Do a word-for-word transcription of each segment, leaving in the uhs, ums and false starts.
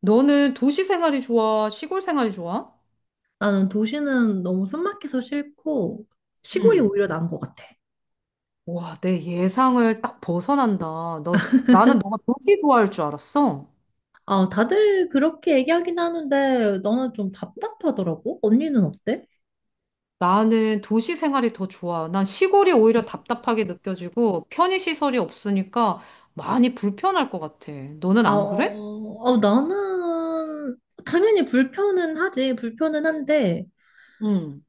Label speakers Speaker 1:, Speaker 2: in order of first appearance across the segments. Speaker 1: 너는 도시 생활이 좋아? 시골 생활이 좋아?
Speaker 2: 나는 도시는 너무 숨막혀서 싫고 시골이
Speaker 1: 응.
Speaker 2: 오히려 나은 것 같아.
Speaker 1: 와, 내 예상을 딱 벗어난다. 너, 나는 너가 도시 좋아할 줄 알았어.
Speaker 2: 아, 다들 그렇게 얘기하긴 하는데 나는 좀 답답하더라고. 언니는 어때?
Speaker 1: 나는 도시 생활이 더 좋아. 난 시골이 오히려 답답하게 느껴지고 편의시설이 없으니까 많이 불편할 것 같아. 너는
Speaker 2: 아, 어,
Speaker 1: 안 그래?
Speaker 2: 어, 나는 당연히 불편은 하지. 불편은 한데
Speaker 1: 응.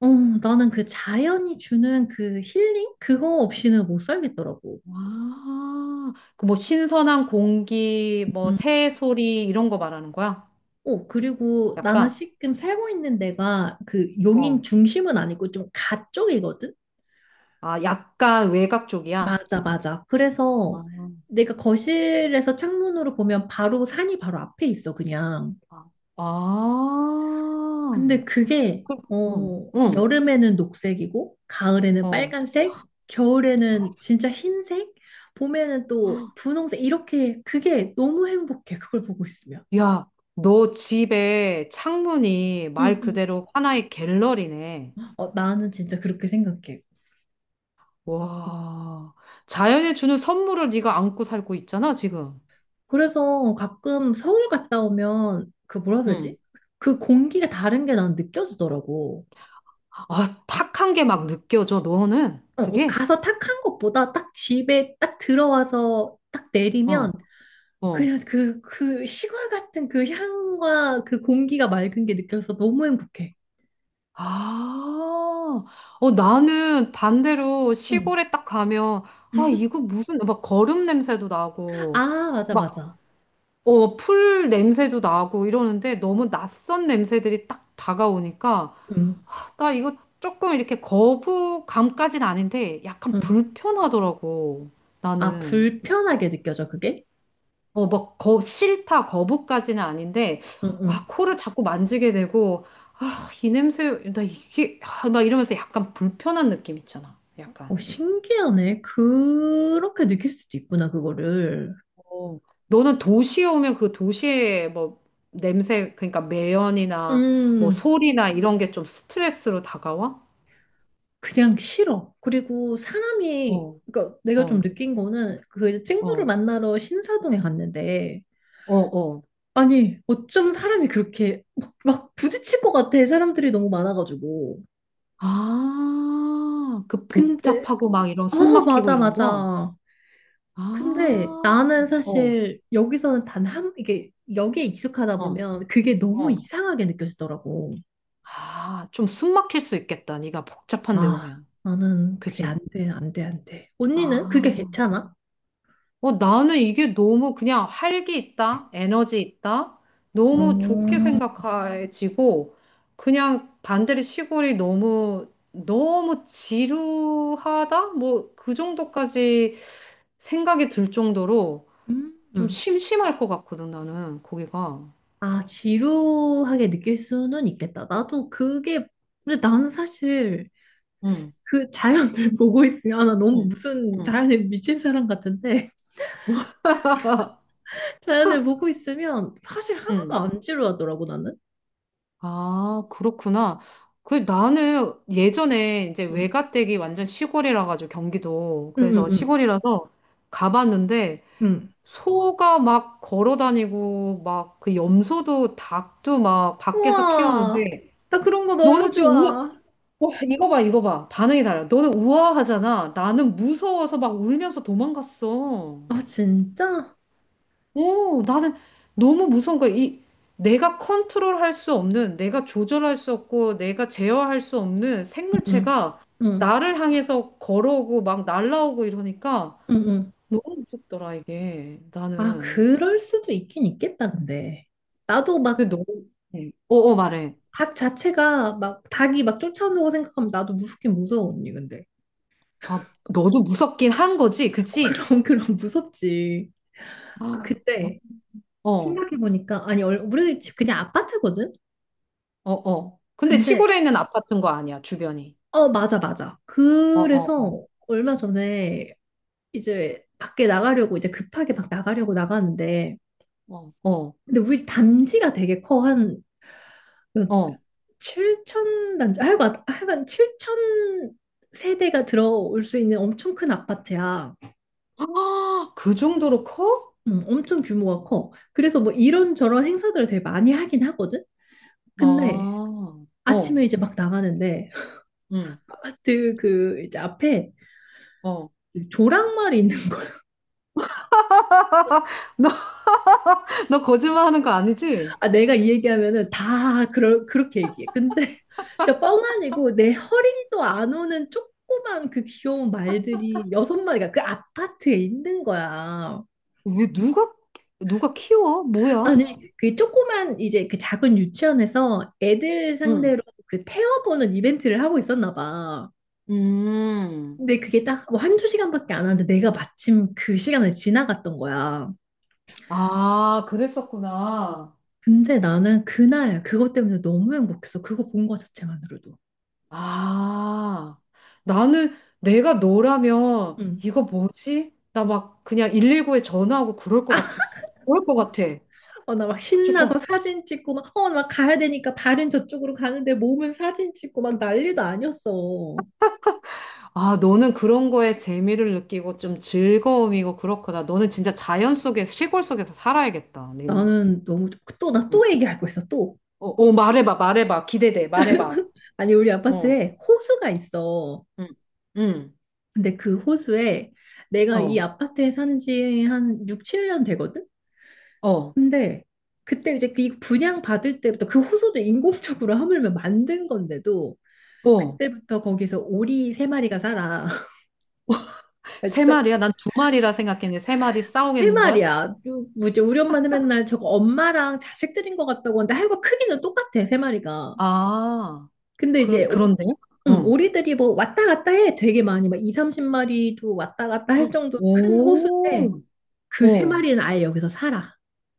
Speaker 2: 어, 나는 그 자연이 주는 그 힐링? 그거 없이는 못 살겠더라고.
Speaker 1: 와, 그 뭐 신선한 공기, 뭐
Speaker 2: 음.
Speaker 1: 새 소리 이런 거 말하는 거야?
Speaker 2: 어, 그리고 나는
Speaker 1: 약간,
Speaker 2: 지금 살고 있는 데가 그 용인
Speaker 1: 어,
Speaker 2: 중심은 아니고 좀 가쪽이거든?
Speaker 1: 아, 약간 외곽 쪽이야.
Speaker 2: 맞아, 맞아. 그래서
Speaker 1: 아.
Speaker 2: 내가 거실에서 창문으로 보면 바로 산이 바로 앞에 있어, 그냥.
Speaker 1: 아,
Speaker 2: 근데 그게,
Speaker 1: 그- 응,
Speaker 2: 어,
Speaker 1: 응,
Speaker 2: 여름에는 녹색이고, 가을에는
Speaker 1: 어.
Speaker 2: 빨간색, 겨울에는 진짜 흰색, 봄에는 또 분홍색, 이렇게 그게 너무 행복해, 그걸 보고 있으면.
Speaker 1: 야, 너 집에 창문이
Speaker 2: 응,
Speaker 1: 말
Speaker 2: 응.
Speaker 1: 그대로 하나의 갤러리네.
Speaker 2: 어, 나는 진짜 그렇게 생각해.
Speaker 1: 와, 자연이 주는 선물을 네가 안고 살고 있잖아, 지금.
Speaker 2: 그래서 가끔 서울 갔다 오면 그 뭐라 해야
Speaker 1: 응.
Speaker 2: 되지? 그 공기가 다른 게 난 느껴지더라고.
Speaker 1: 아, 탁한 게 막 느껴져, 너는.
Speaker 2: 어, 뭐
Speaker 1: 그게?
Speaker 2: 가서 탁 한 것보다 딱 집에 딱 들어와서 딱 내리면
Speaker 1: 어, 어.
Speaker 2: 그냥 그, 그 시골 같은 그 향과 그 공기가 맑은 게 느껴져서 너무 행복해.
Speaker 1: 아, 어, 나는 반대로
Speaker 2: 응.
Speaker 1: 시골에 딱 가면, 아, 이거 무슨, 막 거름 냄새도 나고,
Speaker 2: 아, 맞아,
Speaker 1: 막
Speaker 2: 맞아.
Speaker 1: 어, 풀 냄새도 나고 이러는데 너무 낯선 냄새들이 딱 다가오니까
Speaker 2: 응,
Speaker 1: 나 이거 조금 이렇게 거부감까진 아닌데 약간
Speaker 2: 응.
Speaker 1: 불편하더라고.
Speaker 2: 아,
Speaker 1: 나는.
Speaker 2: 불편하게 느껴져, 그게?
Speaker 1: 어, 막 거, 싫다, 거부까지는 아닌데
Speaker 2: 응,
Speaker 1: 아,
Speaker 2: 응.
Speaker 1: 코를 자꾸 만지게 되고 아, 이 냄새, 나 이게 아, 막 이러면서 약간 불편한 느낌 있잖아. 약간.
Speaker 2: 어, 신기하네. 그렇게 느낄 수도 있구나, 그거를.
Speaker 1: 어, 너는 도시에 오면 그 도시의 뭐 냄새, 그러니까 매연이나 뭐
Speaker 2: 음,
Speaker 1: 소리나 이런 게 좀 스트레스로 다가와?
Speaker 2: 그냥 싫어. 그리고 사람이,
Speaker 1: 어,
Speaker 2: 그러니까 내가
Speaker 1: 어,
Speaker 2: 좀 느낀 거는 그 이제 친구를
Speaker 1: 어,
Speaker 2: 만나러 신사동에 갔는데
Speaker 1: 어, 어.
Speaker 2: 아니, 어쩜 사람이 그렇게 막, 막 부딪힐 것 같아. 사람들이 너무 많아가지고.
Speaker 1: 아, 그
Speaker 2: 근데,
Speaker 1: 복잡하고 막 이런 숨
Speaker 2: 어,
Speaker 1: 막히고
Speaker 2: 맞아,
Speaker 1: 이런 거?
Speaker 2: 맞아.
Speaker 1: 아,
Speaker 2: 근데 나는
Speaker 1: 어,
Speaker 2: 사실 여기서는 단 한, 이게, 여기에 익숙하다
Speaker 1: 어,
Speaker 2: 보면 그게 너무
Speaker 1: 어.
Speaker 2: 이상하게 느껴지더라고.
Speaker 1: 아, 좀 숨 막힐 수 있겠다. 네가 복잡한 데
Speaker 2: 아,
Speaker 1: 오면.
Speaker 2: 나는 그게 안
Speaker 1: 그지?
Speaker 2: 돼, 안 돼, 안 돼. 언니는 그게
Speaker 1: 아.
Speaker 2: 괜찮아?
Speaker 1: 어, 나는 이게 너무 그냥 활기 있다, 에너지 있다, 너무 좋게
Speaker 2: 어,
Speaker 1: 생각해지고, 그냥 반대로 시골이 너무, 너무 지루하다? 뭐, 그 정도까지 생각이 들 정도로 좀
Speaker 2: 음.
Speaker 1: 심심할 것 같거든, 나는, 거기가.
Speaker 2: 아, 지루하게 느낄 수는 있겠다. 나도 그게, 근데 나는 사실
Speaker 1: 응,
Speaker 2: 그 자연을 보고 있으면, 아, 나 너무
Speaker 1: 응,
Speaker 2: 무슨
Speaker 1: 응,
Speaker 2: 자연에 미친 사람 같은데, 자연을 보고 있으면 사실 하나도
Speaker 1: 응.
Speaker 2: 안 지루하더라고, 나는.
Speaker 1: 아, 그렇구나. 그 나는 예전에 이제
Speaker 2: 응,
Speaker 1: 외가댁이 완전 시골이라 가지고 경기도.
Speaker 2: 응, 응,
Speaker 1: 그래서
Speaker 2: 응.
Speaker 1: 시골이라서 가봤는데
Speaker 2: 응.
Speaker 1: 소가 막 걸어 다니고 막 그 염소도 닭도 막 밖에서 키우는데
Speaker 2: 우와, 나 그런 거
Speaker 1: 너는
Speaker 2: 너무
Speaker 1: 지금 우아
Speaker 2: 좋아.
Speaker 1: 와, 이거 봐, 이거 봐. 반응이 달라. 너는 우아하잖아. 나는 무서워서 막 울면서 도망갔어.
Speaker 2: 아, 진짜?
Speaker 1: 오, 나는 너무 무서운 거야. 이 내가 컨트롤할 수 없는, 내가 조절할 수 없고, 내가 제어할 수 없는
Speaker 2: 응, 응,
Speaker 1: 생물체가
Speaker 2: 응,
Speaker 1: 나를 향해서 걸어오고 막 날라오고 이러니까
Speaker 2: 응. 응.
Speaker 1: 너무 무섭더라 이게.
Speaker 2: 아,
Speaker 1: 나는.
Speaker 2: 그럴 수도 있긴 있겠다, 근데. 나도 막,
Speaker 1: 근데 너, 네. 어, 어 말해.
Speaker 2: 닭 자체가, 막, 닭이 막 쫓아오다고 생각하면 나도 무섭긴 무서워, 언니, 근데.
Speaker 1: 아, 너도 무섭긴 한 거지,
Speaker 2: 어,
Speaker 1: 그치?
Speaker 2: 그럼, 그럼, 무섭지. 아,
Speaker 1: 아,
Speaker 2: 근데.
Speaker 1: 어,
Speaker 2: 생각해보니까, 아니, 얼- 우리 집 그냥 아파트거든?
Speaker 1: 어, 어. 근데
Speaker 2: 근데,
Speaker 1: 시골에 있는 아파트인 거 아니야, 주변이.
Speaker 2: 어, 맞아, 맞아.
Speaker 1: 어, 어,
Speaker 2: 그래서 얼마 전에 이제 밖에 나가려고, 이제 급하게 막 나가려고 나갔는데,
Speaker 1: 어, 어, 어.
Speaker 2: 근데 우리 집 단지가 되게 커. 한, 몇
Speaker 1: 어.
Speaker 2: 칠천 단지, 아, 하여간, 하여간 칠천 세대가 들어올 수 있는 엄청 큰 아파트야.
Speaker 1: 아, 그 정도로 커?
Speaker 2: 음, 엄청 규모가 커. 그래서 뭐 이런저런 행사들을 되게 많이 하긴 하거든? 근데
Speaker 1: 아,
Speaker 2: 아침에
Speaker 1: 어,
Speaker 2: 이제 막 나가는데
Speaker 1: 응,
Speaker 2: 아파트 그 이제 앞에
Speaker 1: 어.
Speaker 2: 조랑말이 있는 거야.
Speaker 1: 너, 너 거짓말하는 거 아니지?
Speaker 2: 아, 내가 이 얘기하면은 다 그러, 그렇게 얘기해. 근데 진짜 뻥 아니고 내 허리도 안 오는 조그만 그 귀여운 말들이 여섯 마리가 그 아파트에 있는 거야.
Speaker 1: 왜 누가? 누가 키워? 뭐야?
Speaker 2: 아니, 그 조그만 이제 그 작은 유치원에서 애들
Speaker 1: 응,
Speaker 2: 상대로 그 태워보는 이벤트를 하고 있었나 봐.
Speaker 1: 음,
Speaker 2: 근데 그게 딱 뭐 한두 시간밖에 안 하는데 내가 마침 그 시간을 지나갔던 거야.
Speaker 1: 아, 그랬었구나.
Speaker 2: 근데 나는 그날 그것 때문에 너무 행복했어. 그거 본 거 자체만으로도.
Speaker 1: 아, 나는 내가 너라면
Speaker 2: 응.
Speaker 1: 이거 뭐지? 나 막 그냥 백십구에 전화하고 그럴 것 같았어. 그럴 것 같아.
Speaker 2: 어, 나 막 신나서
Speaker 1: 조금.
Speaker 2: 사진 찍고 막, 어, 막 가야 되니까 발은 저쪽으로 가는데 몸은 사진 찍고 막 난리도 아니었어.
Speaker 1: 아, 너는 그런 거에 재미를 느끼고 좀 즐거움이고 그렇구나. 너는 진짜 자연 속에, 시골 속에서 살아야겠다, 너는.
Speaker 2: 나는 너무 또 나 또 얘기하고 있어 또.
Speaker 1: 어, 어, 말해봐, 말해봐. 기대돼, 말해봐.
Speaker 2: 아니 우리
Speaker 1: 어,
Speaker 2: 아파트에 호수가 있어.
Speaker 1: 응, 응,
Speaker 2: 근데 그 호수에 내가 이
Speaker 1: 어,
Speaker 2: 아파트에 산지 한 육, 칠 년 되거든?
Speaker 1: 어,
Speaker 2: 근데 그때 이제 그 분양 받을 때부터 그 호수도 인공적으로 하물며 만든 건데도
Speaker 1: 어.
Speaker 2: 그때부터 거기서 오리 세 마리가 살아. 아,
Speaker 1: 세
Speaker 2: 진짜
Speaker 1: 마리야? 난 두 마리라 생각했는데 세 마리
Speaker 2: 세
Speaker 1: 싸우겠는걸?
Speaker 2: 마리야. 요- 뭐지? 우리 엄마는 맨날 저거 엄마랑 자식들인 것 같다고 하는데 하여간 크기는 똑같아, 세 마리가.
Speaker 1: 아,
Speaker 2: 근데 이제
Speaker 1: 그,
Speaker 2: 오,
Speaker 1: 그런데?
Speaker 2: 응,
Speaker 1: 어,
Speaker 2: 오리들이 뭐 왔다 갔다 해. 되게 많이 막이 서른 마리도 왔다 갔다 할 정도로 큰 호수인데
Speaker 1: 오,
Speaker 2: 그 세
Speaker 1: 어.
Speaker 2: 마리는 아예 여기서 살아.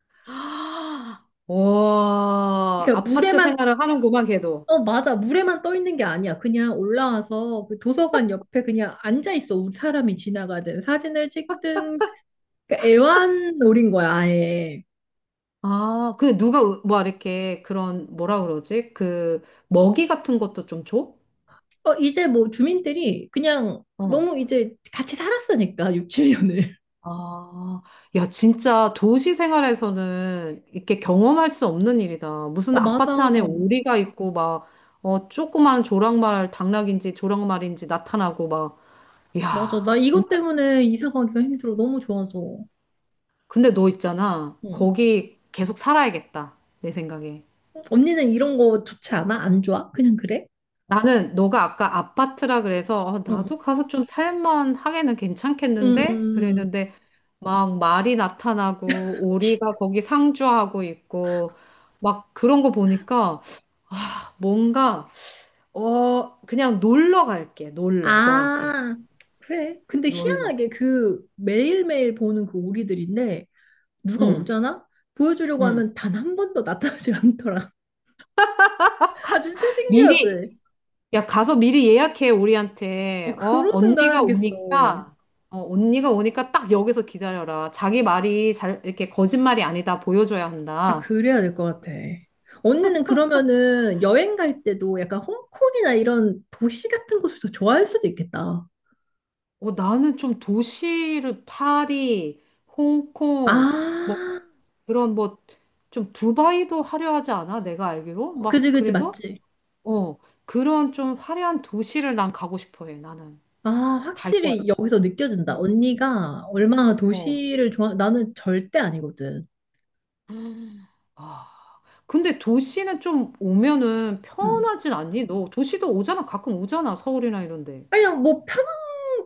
Speaker 1: 아, 와,
Speaker 2: 그러니까
Speaker 1: 아파트
Speaker 2: 물에만
Speaker 1: 생활을 하는구만, 걔도.
Speaker 2: 어 맞아. 물에만 떠 있는 게 아니야. 그냥 올라와서 그 도서관 옆에 그냥 앉아 있어. 사람이 지나가든 사진을 찍든 그러니까 애완 놀인 거야, 아예.
Speaker 1: 아, 근데 누가, 뭐, 이렇게 그런, 뭐라 그러지? 그, 먹이 같은 것도 좀 줘?
Speaker 2: 어, 이제 뭐 주민들이 그냥
Speaker 1: 어.
Speaker 2: 너무 이제 같이 살았으니까 육, 칠 년을.
Speaker 1: 아, 야, 진짜 도시 생활에서는 이렇게 경험할 수 없는 일이다. 무슨
Speaker 2: 어,
Speaker 1: 아파트
Speaker 2: 맞아.
Speaker 1: 안에 오리가 있고, 막, 어, 조그만 조랑말, 당락인지 조랑말인지 나타나고, 막,
Speaker 2: 맞아.
Speaker 1: 야,
Speaker 2: 나 이것
Speaker 1: 정말.
Speaker 2: 때문에 이사 가기가 힘들어. 너무 좋아서.
Speaker 1: 근데 너 있잖아.
Speaker 2: 응.
Speaker 1: 거기 계속 살아야겠다. 내 생각에.
Speaker 2: 언니는 이런 거 좋지 않아? 안 좋아? 그냥 그래?
Speaker 1: 나는 너가 아까 아파트라 그래서, 어,
Speaker 2: 응.
Speaker 1: 나도 가서 좀 살만 하게는 괜찮겠는데?
Speaker 2: 음.
Speaker 1: 그랬는데, 막 말이 나타나고, 오리가 거기 상주하고 있고, 막 그런 거 보니까, 뭔가 어 그냥 놀러 갈게. 놀러 너한테.
Speaker 2: 아, 그래. 근데
Speaker 1: 놀러.
Speaker 2: 희한하게 그 매일매일 보는 그 오리들인데 누가
Speaker 1: 응.
Speaker 2: 오잖아? 보여주려고
Speaker 1: 응.
Speaker 2: 하면 단 한 번도 나타나질 않더라. 아, 진짜
Speaker 1: 미리
Speaker 2: 신기하지?
Speaker 1: 야 가서 미리 예약해
Speaker 2: 어,
Speaker 1: 우리한테. 어?
Speaker 2: 그러든가
Speaker 1: 언니가
Speaker 2: 해야겠어.
Speaker 1: 오니까 어 언니가 오니까 딱 여기서 기다려라. 자기 말이 잘 이렇게 거짓말이 아니다 보여줘야
Speaker 2: 아,
Speaker 1: 한다.
Speaker 2: 그래야 될 것 같아. 언니는 그러면은 여행 갈 때도 약간 홍콩이나 이런 도시 같은 곳을 더 좋아할 수도 있겠다.
Speaker 1: 어 나는 좀 도시를 파리, 홍콩 뭐
Speaker 2: 아,
Speaker 1: 그런 뭐 좀 두바이도 하려 하지 않아? 내가 알기로?
Speaker 2: 어,
Speaker 1: 막
Speaker 2: 그지, 그지,
Speaker 1: 그래서
Speaker 2: 맞지.
Speaker 1: 어, 그런 좀 화려한 도시를 난 가고 싶어 해, 나는.
Speaker 2: 아,
Speaker 1: 갈 거야.
Speaker 2: 확실히 여기서 느껴진다.
Speaker 1: 어,
Speaker 2: 언니가
Speaker 1: 어.
Speaker 2: 얼마나
Speaker 1: 어.
Speaker 2: 도시를 좋아, 나는 절대 아니거든.
Speaker 1: 아, 근데 도시는 좀 오면은
Speaker 2: 음.
Speaker 1: 편하진 않니? 너 도시도 오잖아. 가끔 오잖아. 서울이나 이런데.
Speaker 2: 아니야, 뭐 편한,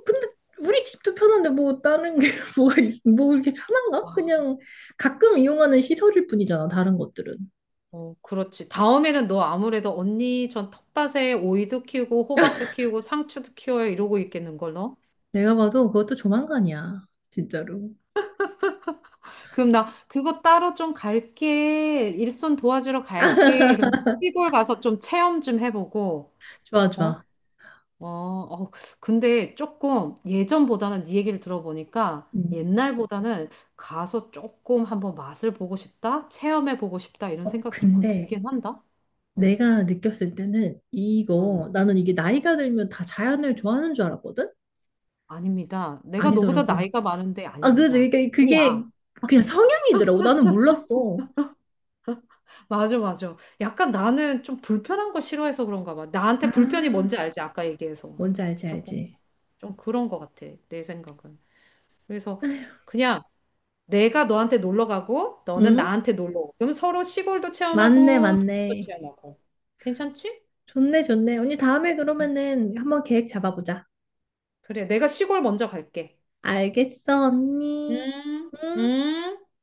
Speaker 2: 근데 우리 집도 편한데 뭐 다른 게 뭐가, 있, 뭐 이렇게 편한가?
Speaker 1: 아,
Speaker 2: 그냥 가끔 이용하는 시설일 뿐이잖아, 다른 것들은.
Speaker 1: 어, 그렇지. 다음에는 너 아무래도 언니 전 텃밭에 오이도 키우고 호박도 키우고 상추도 키워요 이러고 있겠는 걸 너?
Speaker 2: 내가 봐도 그것도 조만간이야. 진짜로.
Speaker 1: 그럼 나 그거 따로 좀 갈게. 일손 도와주러 갈게. 이러면 시골 가서 좀 체험 좀 해보고,
Speaker 2: 좋아,
Speaker 1: 어?
Speaker 2: 좋아.
Speaker 1: 어, 어, 근데 조금 예전보다는 네 얘기를 들어보니까
Speaker 2: 음.
Speaker 1: 옛날보다는 가서 조금 한번 맛을 보고 싶다, 체험해 보고 싶다 이런
Speaker 2: 어,
Speaker 1: 생각이 조금
Speaker 2: 근데
Speaker 1: 들긴 한다. 응,
Speaker 2: 내가 느꼈을 때는
Speaker 1: 응,
Speaker 2: 이거 나는 이게 나이가 들면 다 자연을 좋아하는 줄 알았거든?
Speaker 1: 아닙니다. 내가 너보다
Speaker 2: 아니더라고.
Speaker 1: 나이가 많은데
Speaker 2: 아, 그지?
Speaker 1: 아닙니다.
Speaker 2: 그러니까 그게
Speaker 1: 아니야.
Speaker 2: 그냥 성향이더라고. 나는 몰랐어.
Speaker 1: 맞아, 맞아. 약간 나는 좀 불편한 거 싫어해서 그런가 봐. 나한테 불편이
Speaker 2: 아,
Speaker 1: 뭔지 알지? 아까 얘기해서.
Speaker 2: 뭔지 알지,
Speaker 1: 조금,
Speaker 2: 알지?
Speaker 1: 좀 그런 것 같아. 내 생각은. 그래서 그냥 내가 너한테 놀러 가고 너는
Speaker 2: 응?
Speaker 1: 나한테 놀러 오고 그럼 서로 시골도
Speaker 2: 맞네,
Speaker 1: 체험하고 도시도
Speaker 2: 맞네.
Speaker 1: 체험하고 괜찮지?
Speaker 2: 좋네, 좋네. 언니, 다음에
Speaker 1: 응.
Speaker 2: 그러면은 한번 계획 잡아보자.
Speaker 1: 그래 내가 시골 먼저 갈게
Speaker 2: 알겠어, 언니.
Speaker 1: 음,
Speaker 2: 응?
Speaker 1: 음.